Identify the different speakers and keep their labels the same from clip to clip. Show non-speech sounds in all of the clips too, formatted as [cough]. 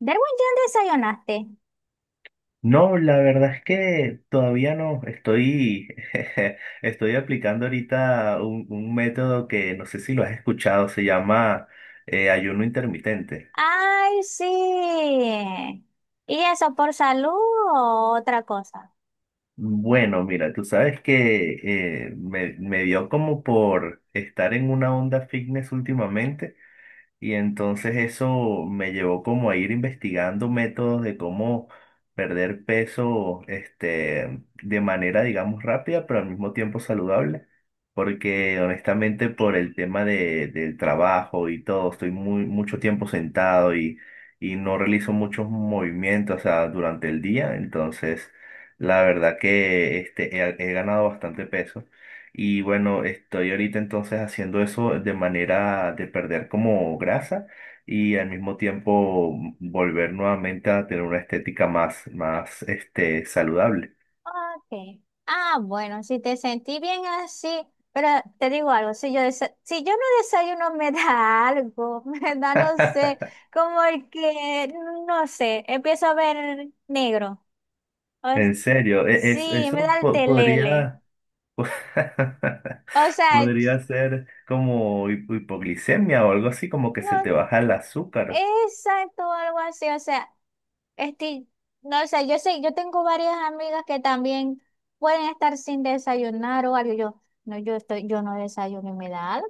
Speaker 1: Derwin, ¿ya desayunaste?
Speaker 2: No, la verdad es que todavía no estoy. [laughs] Estoy aplicando ahorita un método que no sé si lo has escuchado, se llama ayuno intermitente.
Speaker 1: Ay, sí. ¿Y eso por salud o otra cosa?
Speaker 2: Bueno, mira, tú sabes que me dio como por estar en una onda fitness últimamente. Y entonces eso me llevó como a ir investigando métodos de cómo perder peso, este, de manera, digamos, rápida, pero al mismo tiempo saludable. Porque honestamente por el tema del trabajo y todo, estoy muy, mucho tiempo sentado y no realizo muchos movimientos, o sea, durante el día. Entonces, la verdad que este, he ganado bastante peso. Y bueno, estoy ahorita entonces haciendo eso de manera de perder como grasa y al mismo tiempo volver nuevamente a tener una estética más, más este, saludable.
Speaker 1: Ok. Ah, bueno, si te sentí bien así, pero te digo algo, si yo no desayuno [laughs] me da algo, [laughs] me da, no sé,
Speaker 2: [laughs]
Speaker 1: como el que, no sé, empiezo a ver negro. O s-
Speaker 2: En serio,
Speaker 1: sí, me
Speaker 2: eso
Speaker 1: da el telele.
Speaker 2: podría, [laughs]
Speaker 1: O sea,
Speaker 2: podría ser como hipoglicemia o algo así, como que se
Speaker 1: no,
Speaker 2: te baja el azúcar.
Speaker 1: exacto, algo así. O sea, este, no sé, yo tengo varias amigas que también pueden estar sin desayunar o algo. Yo no desayuno y me da algo.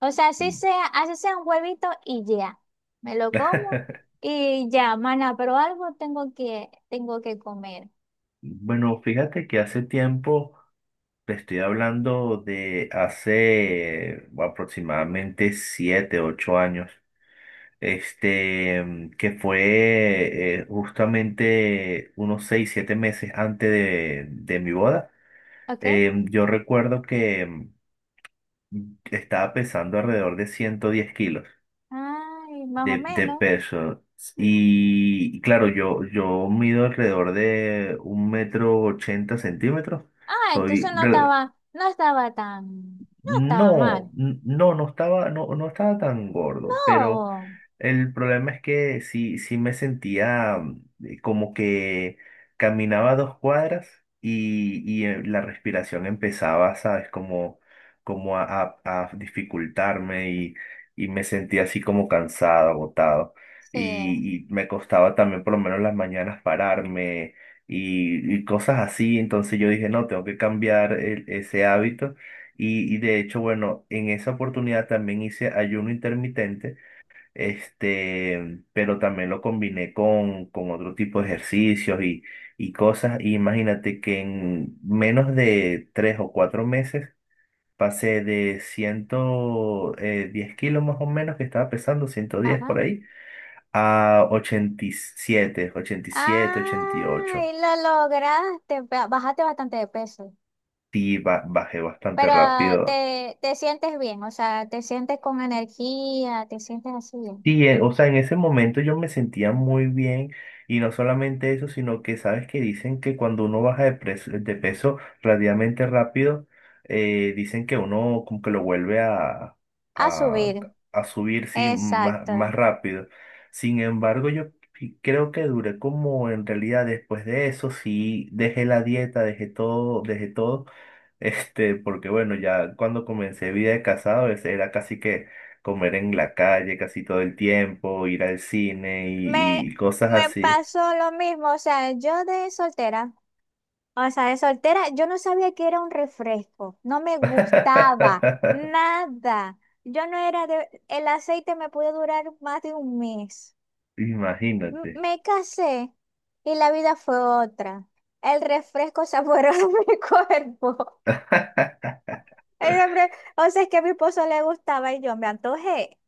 Speaker 1: O sea, así sea un huevito y ya. Me lo como
Speaker 2: [laughs]
Speaker 1: y ya, mana, pero tengo que comer.
Speaker 2: Bueno, fíjate que hace tiempo. Te estoy hablando de hace aproximadamente siete, ocho años, este, que fue justamente unos seis, siete meses antes de mi boda.
Speaker 1: ¿Ok?
Speaker 2: Yo recuerdo que estaba pesando alrededor de 110 kilos
Speaker 1: Ay, más o
Speaker 2: de
Speaker 1: menos.
Speaker 2: peso. Y claro, yo mido alrededor de un metro ochenta centímetros.
Speaker 1: Ah,
Speaker 2: Soy re-
Speaker 1: no estaba mal.
Speaker 2: No, no, no estaba, no, no estaba tan gordo, pero
Speaker 1: No.
Speaker 2: el problema es que sí, sí me sentía como que caminaba dos cuadras la respiración empezaba, ¿sabes? Como, como a, a dificultarme y me sentía así como cansado, agotado.
Speaker 1: Sí.
Speaker 2: Y me costaba también por lo menos las mañanas pararme y cosas así. Entonces yo dije, no, tengo que cambiar ese hábito. Y de hecho, bueno, en esa oportunidad también hice ayuno intermitente este, pero también lo combiné con otro tipo de ejercicios y cosas. Y imagínate que en menos de tres o cuatro meses pasé de ciento diez kilos más o menos, que estaba pesando ciento diez por
Speaker 1: Ajá.
Speaker 2: ahí, a 87, siete, ochenta y
Speaker 1: Ay,
Speaker 2: ocho.
Speaker 1: y lo lograste, bajaste bastante de peso,
Speaker 2: Sí, bajé bastante
Speaker 1: pero ah,
Speaker 2: rápido.
Speaker 1: te sientes bien, o sea, te sientes con energía, te sientes así bien.
Speaker 2: Sí, o sea, en ese momento yo me sentía muy bien y no solamente eso, sino que sabes que dicen que cuando uno baja de peso relativamente rápido, dicen que uno como que lo vuelve
Speaker 1: A
Speaker 2: a,
Speaker 1: subir,
Speaker 2: a subir, sí, más, más
Speaker 1: exacto.
Speaker 2: rápido. Sin embargo, yo sí creo que duré como en realidad después de eso, sí, dejé la dieta, dejé todo, dejé todo. Este, porque bueno, ya cuando comencé vida de casado, ese era casi que comer en la calle casi todo el tiempo, ir al cine
Speaker 1: Me,
Speaker 2: y cosas
Speaker 1: me
Speaker 2: así.
Speaker 1: pasó lo mismo, o sea, de soltera, yo no sabía que era un refresco, no me gustaba
Speaker 2: [laughs]
Speaker 1: nada. Yo no era de, el aceite me pudo durar más de un mes.
Speaker 2: Imagínate.
Speaker 1: Me casé y la vida fue otra. El refresco saboreó [laughs] mi cuerpo. El
Speaker 2: [laughs]
Speaker 1: refre- o sea, es que a mi esposo le gustaba y yo me antojé.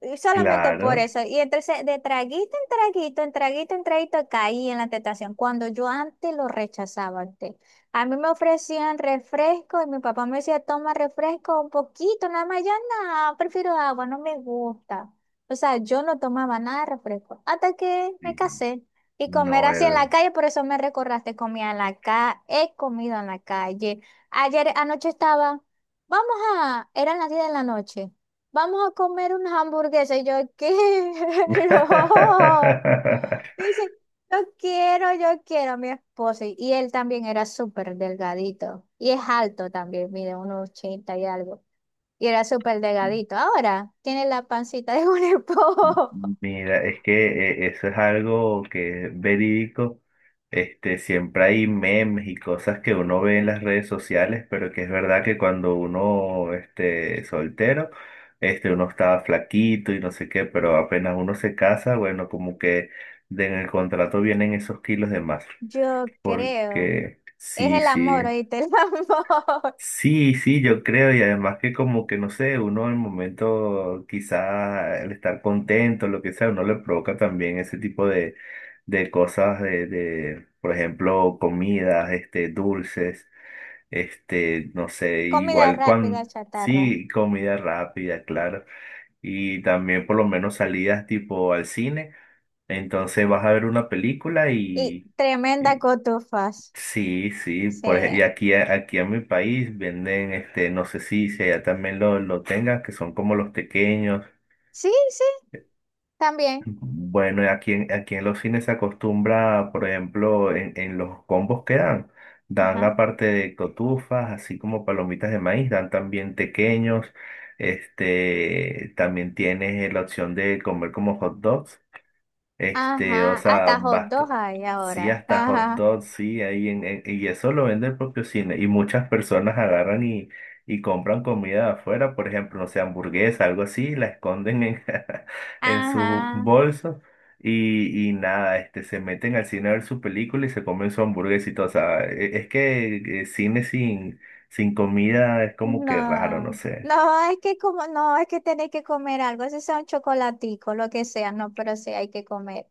Speaker 1: Y solamente por
Speaker 2: Claro,
Speaker 1: eso. Y entonces de traguito en traguito, en traguito en traguito caí en la tentación. Cuando yo antes lo rechazaba antes. A mí me ofrecían refresco y mi papá me decía, toma refresco un poquito, nada más. Yo no, prefiero agua, no me gusta. O sea, yo no tomaba nada de refresco hasta que me
Speaker 2: sí,
Speaker 1: casé. Y comer así en la
Speaker 2: Noel.
Speaker 1: calle, por eso me recordaste, comía en la calle, he comido en la calle. Ayer, vamos a, eran las 10 de la noche, vamos a comer unas hamburguesas. Y yo quiero. [laughs]
Speaker 2: [laughs]
Speaker 1: Dice, yo quiero a mi esposo. Y él también era súper delgadito. Y es alto también, mide unos 80 y algo. Y era súper delgadito. Ahora tiene la pancita de un esposo.
Speaker 2: Mira, es que eso es algo que es verídico. Este, siempre hay memes y cosas que uno ve en las redes sociales, pero que es verdad que cuando uno este, es soltero, este, uno estaba flaquito y no sé qué, pero apenas uno se casa, bueno, como que de en el contrato vienen esos kilos de más.
Speaker 1: [laughs] Yo creo.
Speaker 2: Porque
Speaker 1: Es
Speaker 2: sí,
Speaker 1: el amor,
Speaker 2: sí.
Speaker 1: oíste, el amor.
Speaker 2: Sí, sí, yo creo, y además que como que no sé, uno en el momento quizá el estar contento, lo que sea, uno le provoca también ese tipo de cosas de, por ejemplo, comidas, este, dulces, este, no sé,
Speaker 1: [laughs] Comida
Speaker 2: igual
Speaker 1: rápida,
Speaker 2: cuando,
Speaker 1: chatarra.
Speaker 2: sí, comida rápida, claro, y también por lo menos salidas tipo al cine, entonces vas a ver una película
Speaker 1: Y
Speaker 2: y.
Speaker 1: tremenda cotufas.
Speaker 2: Sí, sí,
Speaker 1: Sí.
Speaker 2: por y aquí, aquí en mi país venden, este, no sé si, si allá también lo tengan, que son como los tequeños.
Speaker 1: Sí, sí, también.
Speaker 2: Bueno, y aquí en, aquí en los cines se acostumbra, por ejemplo, en los combos que dan, dan
Speaker 1: Ajá.
Speaker 2: aparte de cotufas, así como palomitas de maíz, dan también tequeños, este, también tienes la opción de comer como hot dogs. Este, o
Speaker 1: Ajá,
Speaker 2: sea,
Speaker 1: hasta hot
Speaker 2: basta.
Speaker 1: dog hay
Speaker 2: Sí,
Speaker 1: ahora.
Speaker 2: hasta hot
Speaker 1: Ajá,
Speaker 2: dog, sí, ahí en- y eso lo vende el propio cine. Y muchas personas agarran y compran comida de afuera, por ejemplo, no sé, hamburguesa, algo así, la esconden en, [laughs] en su
Speaker 1: ajá.
Speaker 2: bolso y nada, este, se meten al cine a ver su película y se comen su hamburguesa y todo. O sea, es que cine sin, sin comida es como que raro, no
Speaker 1: No,
Speaker 2: sé.
Speaker 1: no, es que como, no, es que tenéis que comer algo, si sea un chocolatico, lo que sea, no, pero sí hay que comer.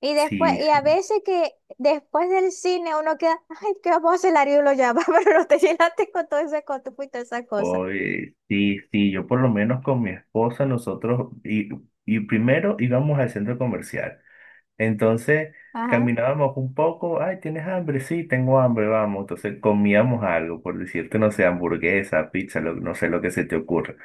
Speaker 1: Y después,
Speaker 2: Sí,
Speaker 1: y a
Speaker 2: sí.
Speaker 1: veces que después del cine uno queda, ay, qué vamos a hacer la lo llama, [laughs] pero no te llenaste con todo ese cotupo y toda esa cosa.
Speaker 2: Oye, sí, sí, yo por lo menos con mi esposa, nosotros, y primero íbamos al centro comercial. Entonces,
Speaker 1: Ajá,
Speaker 2: caminábamos un poco, ay, ¿tienes hambre? Sí, tengo hambre, vamos. Entonces, comíamos algo, por decirte, no sé, hamburguesa, pizza, lo- no sé lo que se te ocurra.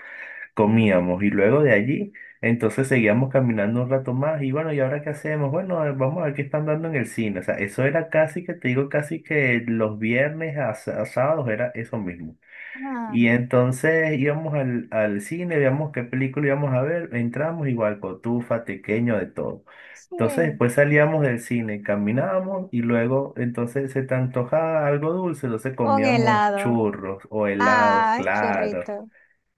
Speaker 2: Comíamos y luego de allí, entonces seguíamos caminando un rato más y bueno, ¿y ahora qué hacemos? Bueno, a ver, vamos a ver qué están dando en el cine. O sea, eso era casi que, te digo, casi que los viernes a a sábados era eso mismo.
Speaker 1: ajá,
Speaker 2: Y entonces íbamos al cine, veíamos qué película íbamos a ver, entramos igual, cotufa, tequeño, de todo. Entonces
Speaker 1: sí.
Speaker 2: después salíamos del cine, caminábamos y luego entonces se te antojaba algo dulce, entonces
Speaker 1: Un
Speaker 2: comíamos
Speaker 1: helado.
Speaker 2: churros o helados,
Speaker 1: Ah,
Speaker 2: claro.
Speaker 1: churrito.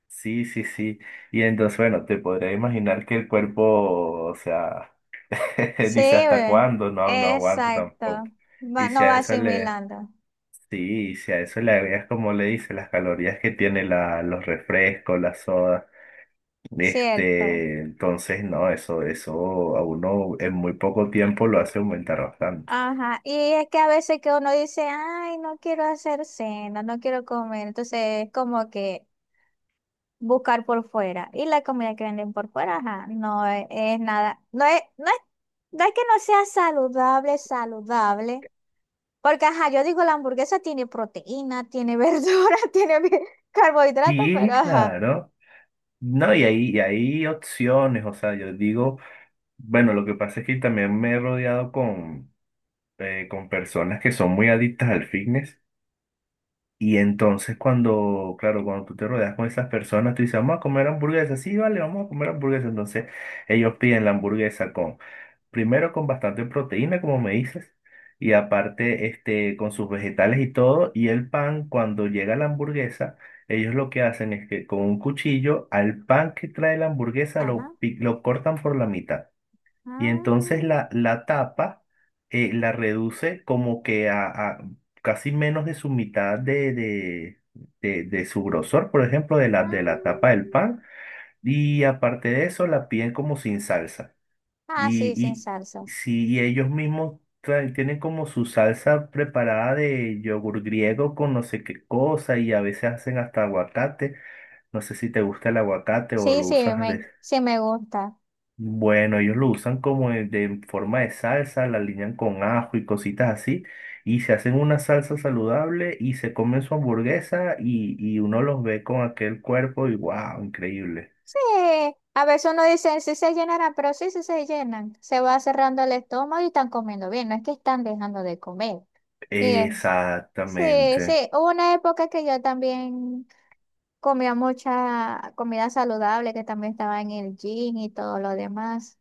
Speaker 2: Sí, sí, sí. Y entonces, bueno, te podrás imaginar que el cuerpo, o sea, [laughs]
Speaker 1: Sí,
Speaker 2: dice hasta
Speaker 1: ve.
Speaker 2: cuándo, no, no aguanto tampoco.
Speaker 1: Exacto.
Speaker 2: Y si
Speaker 1: No
Speaker 2: a
Speaker 1: va
Speaker 2: eso le.
Speaker 1: asimilando.
Speaker 2: Sí, si a eso le agregas, como le dice, las calorías que tiene la, los refrescos, las sodas,
Speaker 1: Cierto.
Speaker 2: este, entonces no, eso a uno en muy poco tiempo lo hace aumentar bastante.
Speaker 1: Ajá. Y es que a veces que uno dice, ay, no quiero hacer cena, no quiero comer. Entonces es como que buscar por fuera. Y la comida que venden por fuera, ajá, no es, es nada, no es, no es, no es que no sea saludable, saludable. Porque, ajá, yo digo, la hamburguesa tiene proteína, tiene [laughs] verdura, carbohidratos, pero
Speaker 2: Sí,
Speaker 1: ajá.
Speaker 2: claro. No, y hay opciones, o sea, yo digo, bueno, lo que pasa es que también me he rodeado con personas que son muy adictas al fitness. Y entonces cuando, claro, cuando tú te rodeas con esas personas, tú dices, vamos a comer hamburguesa. Sí, vale, vamos a comer hamburguesa. Entonces ellos piden la hamburguesa con, primero con bastante proteína, como me dices, y aparte este, con sus vegetales y todo. Y el pan, cuando llega la hamburguesa, ellos lo que hacen es que con un cuchillo al pan que trae la hamburguesa lo,
Speaker 1: Ajá.
Speaker 2: lo cortan por la mitad. Y entonces
Speaker 1: Ah,
Speaker 2: la tapa la reduce como que a casi menos de su mitad de, de su grosor, por ejemplo, de la tapa del
Speaker 1: ah,
Speaker 2: pan. Y aparte de eso, la piden como sin salsa.
Speaker 1: ah,
Speaker 2: Y,
Speaker 1: sí, sin
Speaker 2: y
Speaker 1: salsas.
Speaker 2: si ellos mismos traen- tienen como su salsa preparada de yogur griego con no sé qué cosa, y a veces hacen hasta aguacate. No sé si te gusta el aguacate o lo usas
Speaker 1: Sí me gusta.
Speaker 2: bueno, ellos lo usan como de forma de salsa, la alinean con ajo y cositas así, y se hacen una salsa saludable y se comen su hamburguesa y uno los ve con aquel cuerpo y wow, increíble.
Speaker 1: Sí, a veces uno dice, sí se llenarán, pero sí, sí se llenan. Se va cerrando el estómago y están comiendo bien, no es que están dejando de comer. Y es, sí,
Speaker 2: Exactamente.
Speaker 1: sí, hubo una época que yo también comía mucha comida saludable, que también estaba en el gym y todo lo demás.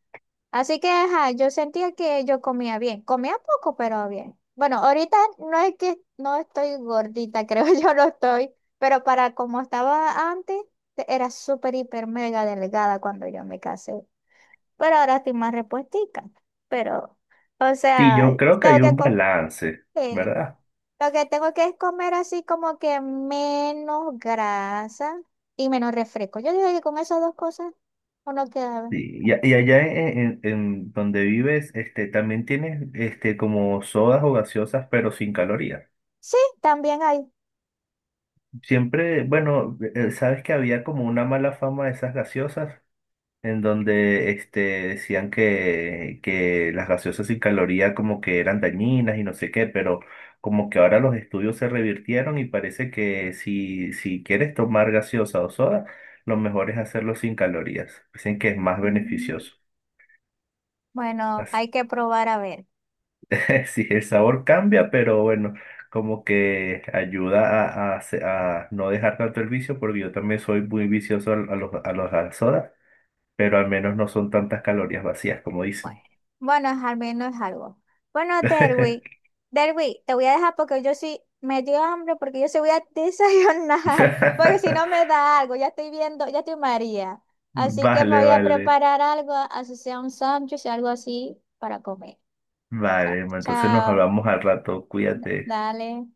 Speaker 1: Así que, ajá, yo sentía que yo comía bien. Comía poco, pero bien. Bueno, ahorita no es que no estoy gordita, [laughs] creo yo no estoy, pero para como estaba antes, era súper, hiper, mega delgada cuando yo me casé. Pero ahora estoy más repuestica. Pero, o
Speaker 2: Y
Speaker 1: sea,
Speaker 2: yo creo que
Speaker 1: tengo
Speaker 2: hay
Speaker 1: que
Speaker 2: un
Speaker 1: co-
Speaker 2: balance,
Speaker 1: eh,
Speaker 2: ¿verdad?
Speaker 1: lo que tengo que es comer así como que menos grasa y menos refresco. Yo digo que con esas dos cosas uno queda bien.
Speaker 2: Sí, Y, y allá en, en donde vives, este, también tienes este, como sodas o gaseosas, pero sin calorías.
Speaker 1: Sí, también hay.
Speaker 2: Siempre, bueno, sabes que había como una mala fama de esas gaseosas en donde este, decían que las gaseosas sin caloría como que eran dañinas y no sé qué, pero como que ahora los estudios se revirtieron y parece que si, si quieres tomar gaseosa o soda, lo mejor es hacerlo sin calorías. Dicen que es más
Speaker 1: Mm.
Speaker 2: beneficioso.
Speaker 1: Bueno,
Speaker 2: Así-
Speaker 1: hay que probar a ver.
Speaker 2: [laughs] Sí, el sabor cambia, pero bueno, como que ayuda a, a no dejar tanto el vicio, porque yo también soy muy vicioso a, a los a las sodas, pero al menos no son tantas calorías vacías como
Speaker 1: Bueno,
Speaker 2: dicen.
Speaker 1: bueno, al menos es algo. Bueno,
Speaker 2: [laughs]
Speaker 1: Derwi, te voy a dejar porque yo sí me dio hambre porque yo sí voy a [laughs] desayunar, porque si no me
Speaker 2: [laughs]
Speaker 1: da algo, ya estoy viendo, ya estoy María. Así que me
Speaker 2: Vale,
Speaker 1: voy a
Speaker 2: vale,
Speaker 1: preparar algo, así sea un sándwich, algo así para comer. Chao,
Speaker 2: vale. Ma, entonces nos
Speaker 1: chao.
Speaker 2: hablamos al rato. Cuídate.
Speaker 1: Dale.